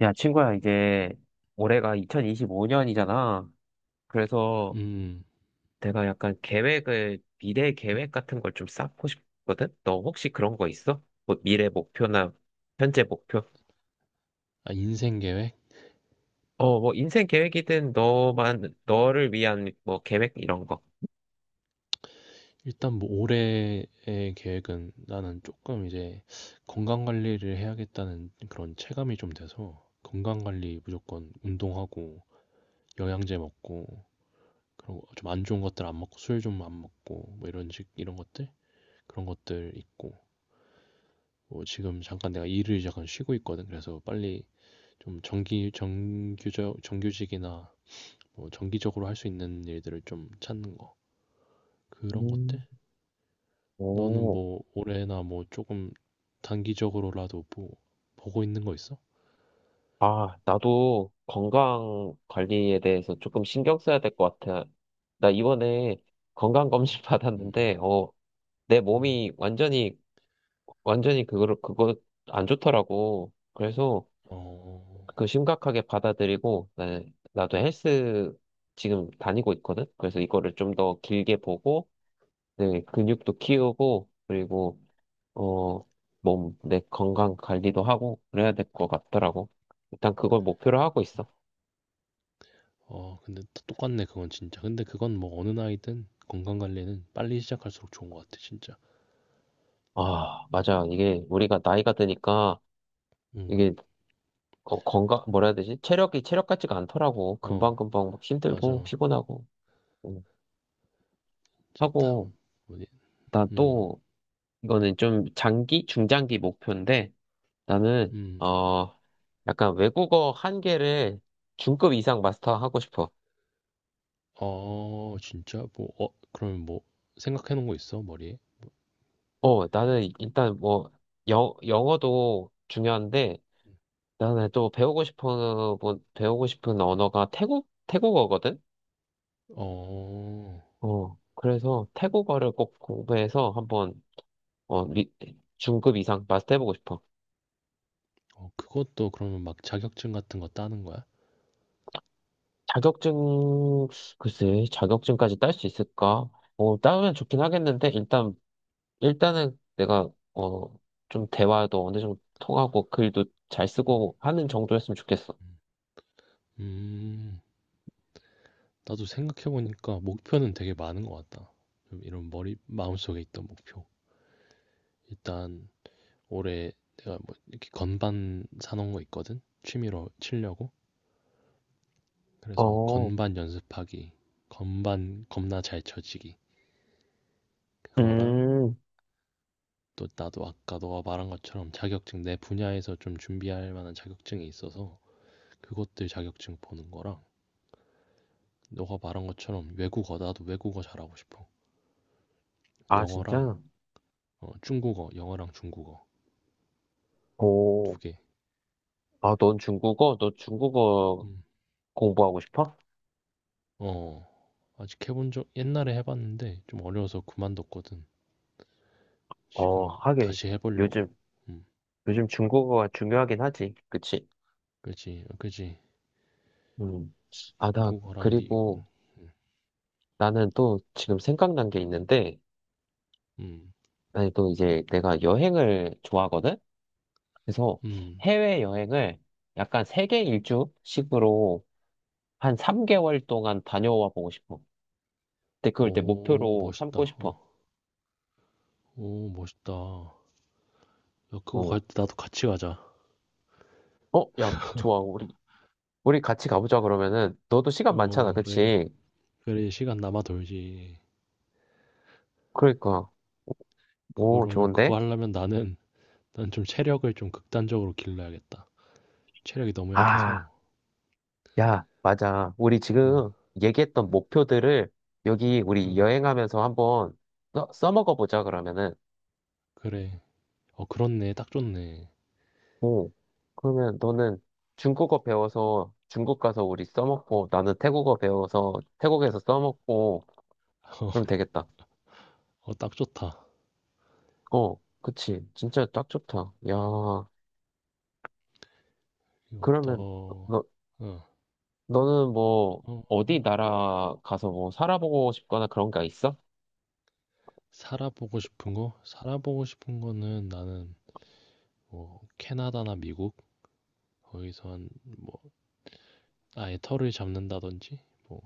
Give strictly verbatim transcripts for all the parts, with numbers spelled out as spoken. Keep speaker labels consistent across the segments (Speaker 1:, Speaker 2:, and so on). Speaker 1: 야, 친구야, 이제 올해가 이천이십오 년이잖아. 그래서
Speaker 2: 음,
Speaker 1: 내가 약간 계획을, 미래 계획 같은 걸 좀 쌓고 싶거든? 너 혹시 그런 거 있어? 뭐 미래 목표나 현재 목표?
Speaker 2: 아, 인생 계획?
Speaker 1: 어, 뭐 인생 계획이든 너만, 너를 위한 뭐 계획 이런 거.
Speaker 2: 일단 뭐 올해의 계획은 나는 조금 이제 건강 관리를 해야겠다는 그런 체감이 좀 돼서 건강 관리 무조건 운동하고 영양제 먹고 그리고 좀 안 좋은 것들 안 먹고 술 좀 안 먹고 뭐 이런 식 이런 것들 그런 것들 있고 뭐 지금 잠깐 내가 일을 잠깐 쉬고 있거든. 그래서 빨리 좀 정기 정규적 정규직이나 뭐 정기적으로 할 수 있는 일들을 좀 찾는 거 그런 것들.
Speaker 1: 음.
Speaker 2: 너는
Speaker 1: 오,
Speaker 2: 뭐 올해나 뭐 조금 단기적으로라도 뭐 보고 있는 거 있어?
Speaker 1: 아, 나도 건강 관리에 대해서 조금 신경 써야 될 것 같아. 나 이번에 건강 검진 받았는데,
Speaker 2: 음.
Speaker 1: 어, 내
Speaker 2: 음. 음.
Speaker 1: 몸이 완전히 완전히 그거를 그거 안 좋더라고. 그래서
Speaker 2: 어, 어,
Speaker 1: 그 심각하게 받아들이고 나, 나도 헬스 지금 다니고 있거든. 그래서 이거를 좀 더 길게 보고 내 근육도 키우고 그리고 어, 몸, 내 건강 관리도 하고 그래야 될 것 같더라고. 일단 그걸 목표로 하고 있어.
Speaker 2: 어. 근데 다 똑같네 그건 진짜. 근데 그건 뭐 어느 나이든 건강 관리는 빨리 시작할수록 좋은 것 같아 진짜.
Speaker 1: 아, 맞아. 이게 우리가 나이가 드니까
Speaker 2: 음,
Speaker 1: 이게 어, 건강 뭐라 해야 되지? 체력이 체력 같지가 않더라고.
Speaker 2: 어,
Speaker 1: 금방금방 막 힘들고
Speaker 2: 맞아.
Speaker 1: 피곤하고 음, 하고
Speaker 2: 뭐지?
Speaker 1: 나
Speaker 2: 음.
Speaker 1: 또 이거는 좀 장기, 중장기 목표인데 나는
Speaker 2: 음.
Speaker 1: 어 약간 외국어 한 개를 중급 이상 마스터하고 싶어.
Speaker 2: 어, 진짜? 뭐, 어, 그러면 뭐 생각해 놓은 거 있어 머리에?
Speaker 1: 어 나는 일단 뭐 영, 영어도 중요한데 나는 또 배우고 싶은 뭐, 배우고 싶은 언어가 태국 태국어거든.
Speaker 2: 어,
Speaker 1: 어 그래서 태국어를 꼭 공부해서 한번 어 리- 중급 이상 마스터해보고 싶어.
Speaker 2: 어, 그것도 그러면 막 자격증 같은 거 따는 거야?
Speaker 1: 자격증 글쎄 자격증까지 딸 수 있을까? 어 따면 좋긴 하겠는데 일단 일단은 내가 어 좀 대화도 어느 정도 통하고 글도 잘 쓰고 하는 정도였으면 좋겠어.
Speaker 2: 음. 나도 생각해보니까 목표는 되게 많은 것 같다. 좀 이런 머리, 마음속에 있던 목표. 일단 올해 내가 뭐 이렇게 건반 사놓은 거 있거든? 취미로 치려고. 그래서
Speaker 1: 어,
Speaker 2: 건반 연습하기, 건반 겁나 잘 쳐지기. 그거랑
Speaker 1: 음,
Speaker 2: 또 나도 아까 너가 말한 것처럼 자격증 내 분야에서 좀 준비할 만한 자격증이 있어서 그것들 자격증 보는 거랑 너가 말한 것처럼 외국어, 나도 외국어 잘하고 싶어.
Speaker 1: 아,
Speaker 2: 영어랑
Speaker 1: 진짜?
Speaker 2: 어, 중국어, 영어랑 중국어
Speaker 1: 오,
Speaker 2: 두 개.
Speaker 1: 아, 넌 중국어? 너 중국어
Speaker 2: 음.
Speaker 1: 공부하고 싶어?
Speaker 2: 어. 아직 해본적 옛날에 해 봤는데 좀 어려워서 그만뒀거든.
Speaker 1: 어,
Speaker 2: 지금
Speaker 1: 하긴,
Speaker 2: 다시 해
Speaker 1: 요즘,
Speaker 2: 보려고. 음.
Speaker 1: 요즘 중국어가 중요하긴 하지. 그치?
Speaker 2: 그지. 어, 그지.
Speaker 1: 음. 아, 나,
Speaker 2: 중국어랑 미국.
Speaker 1: 그리고 나는 또 지금 생각난 게 있는데,
Speaker 2: 음.
Speaker 1: 아니, 또 이제 내가 여행을 좋아하거든? 그래서
Speaker 2: 음.
Speaker 1: 해외여행을 약간 세계 일주식으로 한 삼 개월 동안 다녀와 보고 싶어. 근데 그걸 내
Speaker 2: 오,
Speaker 1: 목표로
Speaker 2: 멋있다.
Speaker 1: 삼고 싶어.
Speaker 2: 어. 오, 멋있다. 야, 그거
Speaker 1: 어,
Speaker 2: 갈 때 나도 같이 가자.
Speaker 1: 어, 야, 좋아. 우리, 우리 같이 가보자, 그러면은. 너도 시간 많잖아,
Speaker 2: 어, 그래.
Speaker 1: 그치?
Speaker 2: 그래, 시간 남아 돌지.
Speaker 1: 그러니까. 오,
Speaker 2: 그러면 그거
Speaker 1: 좋은데?
Speaker 2: 하려면 나는 난 좀 체력을 좀 극단적으로 길러야겠다. 체력이 너무
Speaker 1: 아,
Speaker 2: 약해서.
Speaker 1: 야, 맞아. 우리
Speaker 2: 어.
Speaker 1: 지금 얘기했던 목표들을 여기 우리
Speaker 2: 어.
Speaker 1: 여행하면서 한번 써, 써먹어 보자, 그러면은.
Speaker 2: 그래. 어, 그렇네. 딱 좋네.
Speaker 1: 오, 그러면 너는 중국어 배워서 중국 가서 우리 써먹고, 나는 태국어 배워서 태국에서 써먹고, 그럼 되겠다.
Speaker 2: 어, 딱 좋다.
Speaker 1: 어, 그치. 진짜 딱 좋다. 야,
Speaker 2: 그리고
Speaker 1: 그러면,
Speaker 2: 또,
Speaker 1: 너,
Speaker 2: 어,
Speaker 1: 너는 뭐,
Speaker 2: 어,
Speaker 1: 어디 나라 가서 뭐, 살아보고 싶거나 그런 게 있어?
Speaker 2: 살아보고 싶은 거? 살아보고 싶은 거는 나는 뭐 캐나다나 미국, 거기서 한, 뭐 아예 터를 잡는다든지 뭐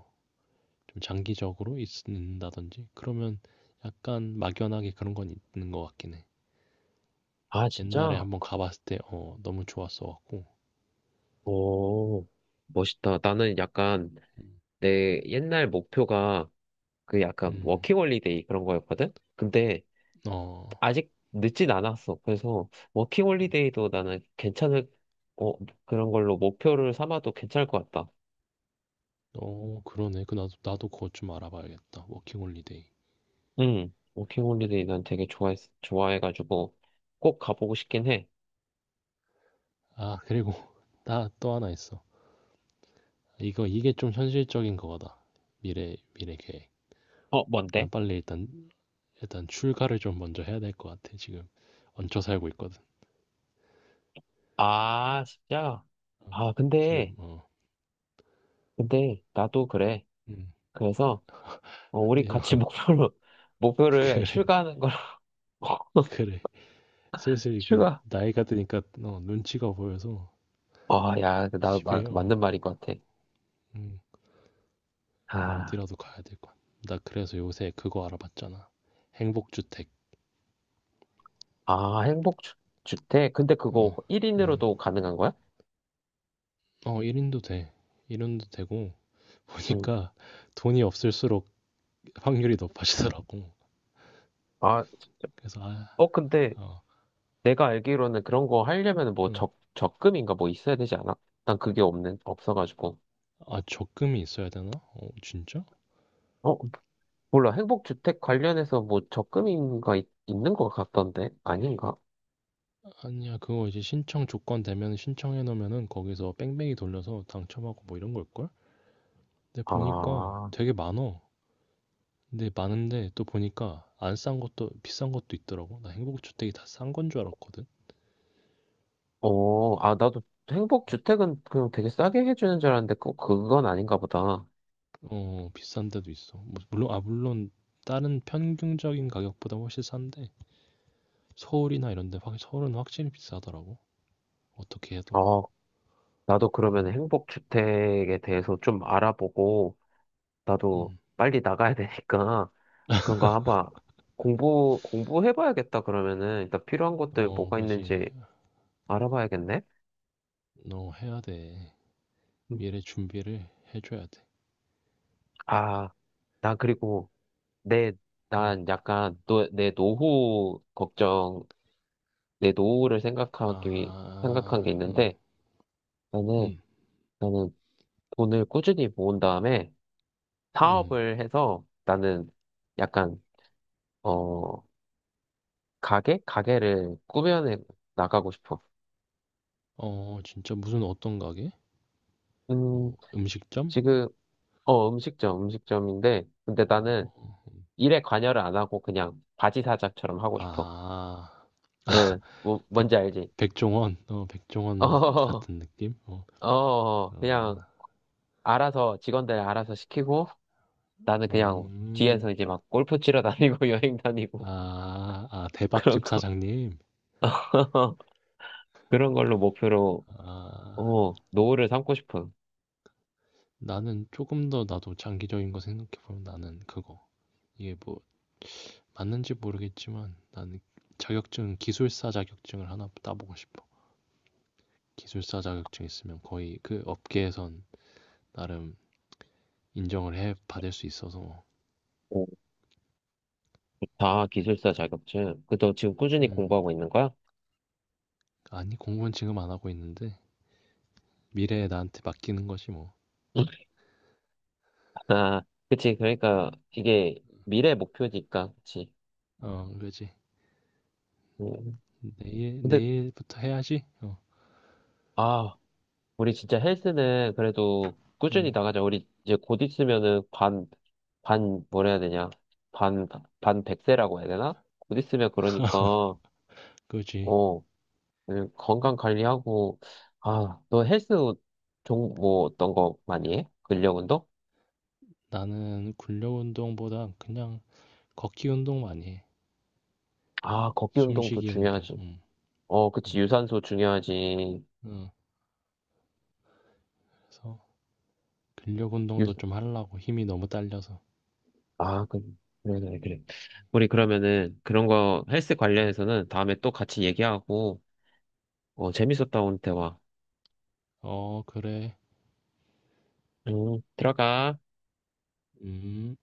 Speaker 2: 좀 장기적으로 있는다든지, 그러면 약간 막연하게 그런 건 있는 것 같긴 해.
Speaker 1: 아,
Speaker 2: 옛날에
Speaker 1: 진짜?
Speaker 2: 한번 가봤을 때 어, 너무 좋았어 갖고.
Speaker 1: 오, 멋있다. 나는 약간, 내 옛날 목표가, 그 약간,
Speaker 2: 음,
Speaker 1: 워킹홀리데이 그런 거였거든? 근데,
Speaker 2: 어,
Speaker 1: 아직 늦진 않았어. 그래서, 워킹홀리데이도 나는 괜찮을, 어, 그런 걸로 목표를 삼아도 괜찮을 것 같다.
Speaker 2: 어, 그러네. 그 나도 나도 그것 좀 알아봐야겠다. 워킹 홀리데이.
Speaker 1: 응, 워킹 홀리데이 난 되게 좋아했, 좋아해가지고 꼭 가보고 싶긴 해.
Speaker 2: 아, 그리고 나 또 하나 있어. 이거 이게 좀 현실적인 거다. 미래 미래 계획.
Speaker 1: 어, 뭔데?
Speaker 2: 난 빨리 일단 일단 출가를 좀 먼저 해야 될 것 같아. 지금 얹혀 살고 있거든.
Speaker 1: 아, 진짜?
Speaker 2: 어,
Speaker 1: 아,
Speaker 2: 지금
Speaker 1: 근데,
Speaker 2: 어.
Speaker 1: 근데 나도 그래.
Speaker 2: 음.
Speaker 1: 그래서 어, 우리
Speaker 2: 근데
Speaker 1: 같이
Speaker 2: 어,
Speaker 1: 목표로, 목표를
Speaker 2: 그래,
Speaker 1: 출가하는 걸로.
Speaker 2: 그래. 슬슬 이게
Speaker 1: 출가.
Speaker 2: 나이가 드니까 어, 눈치가 보여서
Speaker 1: 아, 야, 그 나 마-
Speaker 2: 집에 어,
Speaker 1: 맞는 말인 것 같아.
Speaker 2: 음,
Speaker 1: 아,
Speaker 2: 어디라도 가야 될 것 같아. 나 그래서 요새 그거 알아봤잖아. 행복주택.
Speaker 1: 아, 행복 주, 주택? 근데 그거
Speaker 2: 어. 음.
Speaker 1: 일 인으로도 가능한 거야?
Speaker 2: 어, 일 인도 돼. 일 인도 되고
Speaker 1: 응.
Speaker 2: 보니까 돈이 없을수록 확률이 높아지더라고.
Speaker 1: 아, 진짜.
Speaker 2: 그래서 아,
Speaker 1: 어, 근데
Speaker 2: 아,
Speaker 1: 내가 알기로는 그런 거 하려면 뭐
Speaker 2: 응.
Speaker 1: 적, 적금인가 뭐 있어야 되지 않아? 난 그게 없는, 없어가지고.
Speaker 2: 아, 적금이 있어야 되나? 어, 진짜?
Speaker 1: 어, 몰라. 행복주택 관련해서 뭐 적금인가 있, 는것 같던데? 아닌가?
Speaker 2: 아니야, 그거 이제 신청 조건 되면 신청해 놓으면은 거기서 뺑뺑이 돌려서 당첨하고 뭐 이런 걸걸? 근데 보니까
Speaker 1: 아,
Speaker 2: 되게 많어. 근데 많은데 또 보니까 안 싼 것도 비싼 것도 있더라고. 나 행복주택이 다 싼 건 줄 알았거든.
Speaker 1: 어, 아, 나도 행복주택은 그냥 되게 싸게 해주는 줄 알았는데 꼭 그건 아닌가 보다.
Speaker 2: 어, 비싼 데도 있어. 뭐, 물론, 아 물론 다른 평균적인 가격보다 훨씬 싼데 서울이나 이런 데 확, 서울은 확실히 비싸더라고. 어떻게 해도.
Speaker 1: 어, 나도 그러면
Speaker 2: 음.
Speaker 1: 행복주택에 대해서 좀 알아보고 나도
Speaker 2: 음.
Speaker 1: 빨리 나가야 되니까 그런 거 한번 공부, 공부해봐야겠다, 그러면은. 일단 필요한 것들
Speaker 2: 어,
Speaker 1: 뭐가
Speaker 2: 뭐지?
Speaker 1: 있는지 알아봐야겠네.
Speaker 2: 너 해야 돼.
Speaker 1: 음.
Speaker 2: 미래 준비를 해줘야 돼.
Speaker 1: 아, 나 그리고 내,
Speaker 2: 음.
Speaker 1: 난 약간 노, 내 노후 걱정, 내 노후를 생각하기, 생각한
Speaker 2: 아,
Speaker 1: 게
Speaker 2: 음,
Speaker 1: 있는데, 나는,
Speaker 2: 음,
Speaker 1: 나는 돈을 꾸준히 모은 다음에
Speaker 2: 음.
Speaker 1: 사업을 해서 나는 약간, 어, 가게? 가게를 꾸며내 나가고 싶어.
Speaker 2: 어, 진짜 무슨 어떤 가게?
Speaker 1: 음,
Speaker 2: 어, 음식점?
Speaker 1: 지금, 어, 음식점, 음식점인데, 근데
Speaker 2: 어,
Speaker 1: 나는 일에 관여를 안 하고 그냥 바지사자처럼 하고 싶어.
Speaker 2: 아,
Speaker 1: 응, 뭐,
Speaker 2: 백,
Speaker 1: 뭔지 알지?
Speaker 2: 백종원, 어, 백종원 같은 느낌? 어,
Speaker 1: 어, 어,
Speaker 2: 어,
Speaker 1: 그냥 알아서 직원들 알아서 시키고 나는 그냥
Speaker 2: 음,
Speaker 1: 뒤에서 이제 막 골프 치러 다니고 여행 다니고
Speaker 2: 아, 아,
Speaker 1: 그런
Speaker 2: 대박집
Speaker 1: 거
Speaker 2: 사장님.
Speaker 1: 그런 걸로 목표로
Speaker 2: 아,
Speaker 1: 어, 노후를 삼고 싶은
Speaker 2: 나는 조금 더, 나도 장기적인 거 생각해보면 나는 그거. 이게 뭐, 맞는지 모르겠지만 나는 자격증, 기술사 자격증을 하나 따보고 싶어. 기술사 자격증 있으면 거의 그 업계에선 나름 인정을 해 받을 수 있어서 뭐.
Speaker 1: 오, 다 기술사 자격증. 그 너 지금 꾸준히
Speaker 2: 음.
Speaker 1: 공부하고 있는 거야?
Speaker 2: 아니 공부는 지금 안 하고 있는데 미래에 나한테 맡기는 거지 뭐. 어,
Speaker 1: 아, 그치. 그러니까 이게 미래 목표니까, 그치.
Speaker 2: 그지.
Speaker 1: 음.
Speaker 2: 내일
Speaker 1: 근데,
Speaker 2: 내일부터 해야지.
Speaker 1: 아, 우리 진짜 헬스는 그래도 꾸준히
Speaker 2: 어음,
Speaker 1: 나가자. 우리 이제 곧 있으면은 반, 반, 뭐라 해야 되냐. 반, 반 백세라고 해야 되나? 곧 있으면 그러니까,
Speaker 2: 그지.
Speaker 1: 어, 음, 건강 관리하고, 아, 너 헬스 종, 뭐 어떤 거 많이 해? 근력 운동?
Speaker 2: 나는 근력 운동보다 그냥 걷기 운동 많이 해.
Speaker 1: 아, 걷기 운동도
Speaker 2: 숨쉬기 운동.
Speaker 1: 중요하지.
Speaker 2: 음.
Speaker 1: 어, 그치.
Speaker 2: 음.
Speaker 1: 유산소 중요하지.
Speaker 2: 어, 그래서 근력
Speaker 1: 유,
Speaker 2: 운동도 좀 하려고. 힘이 너무 딸려서.
Speaker 1: 아, 그, 그래, 그래, 그래. 우리 그러면은 그런 거 헬스 관련해서는 다음에 또 같이 얘기하고, 어, 재밌었다, 오늘 대화.
Speaker 2: 어, 그래.
Speaker 1: 음, 들어가.
Speaker 2: 음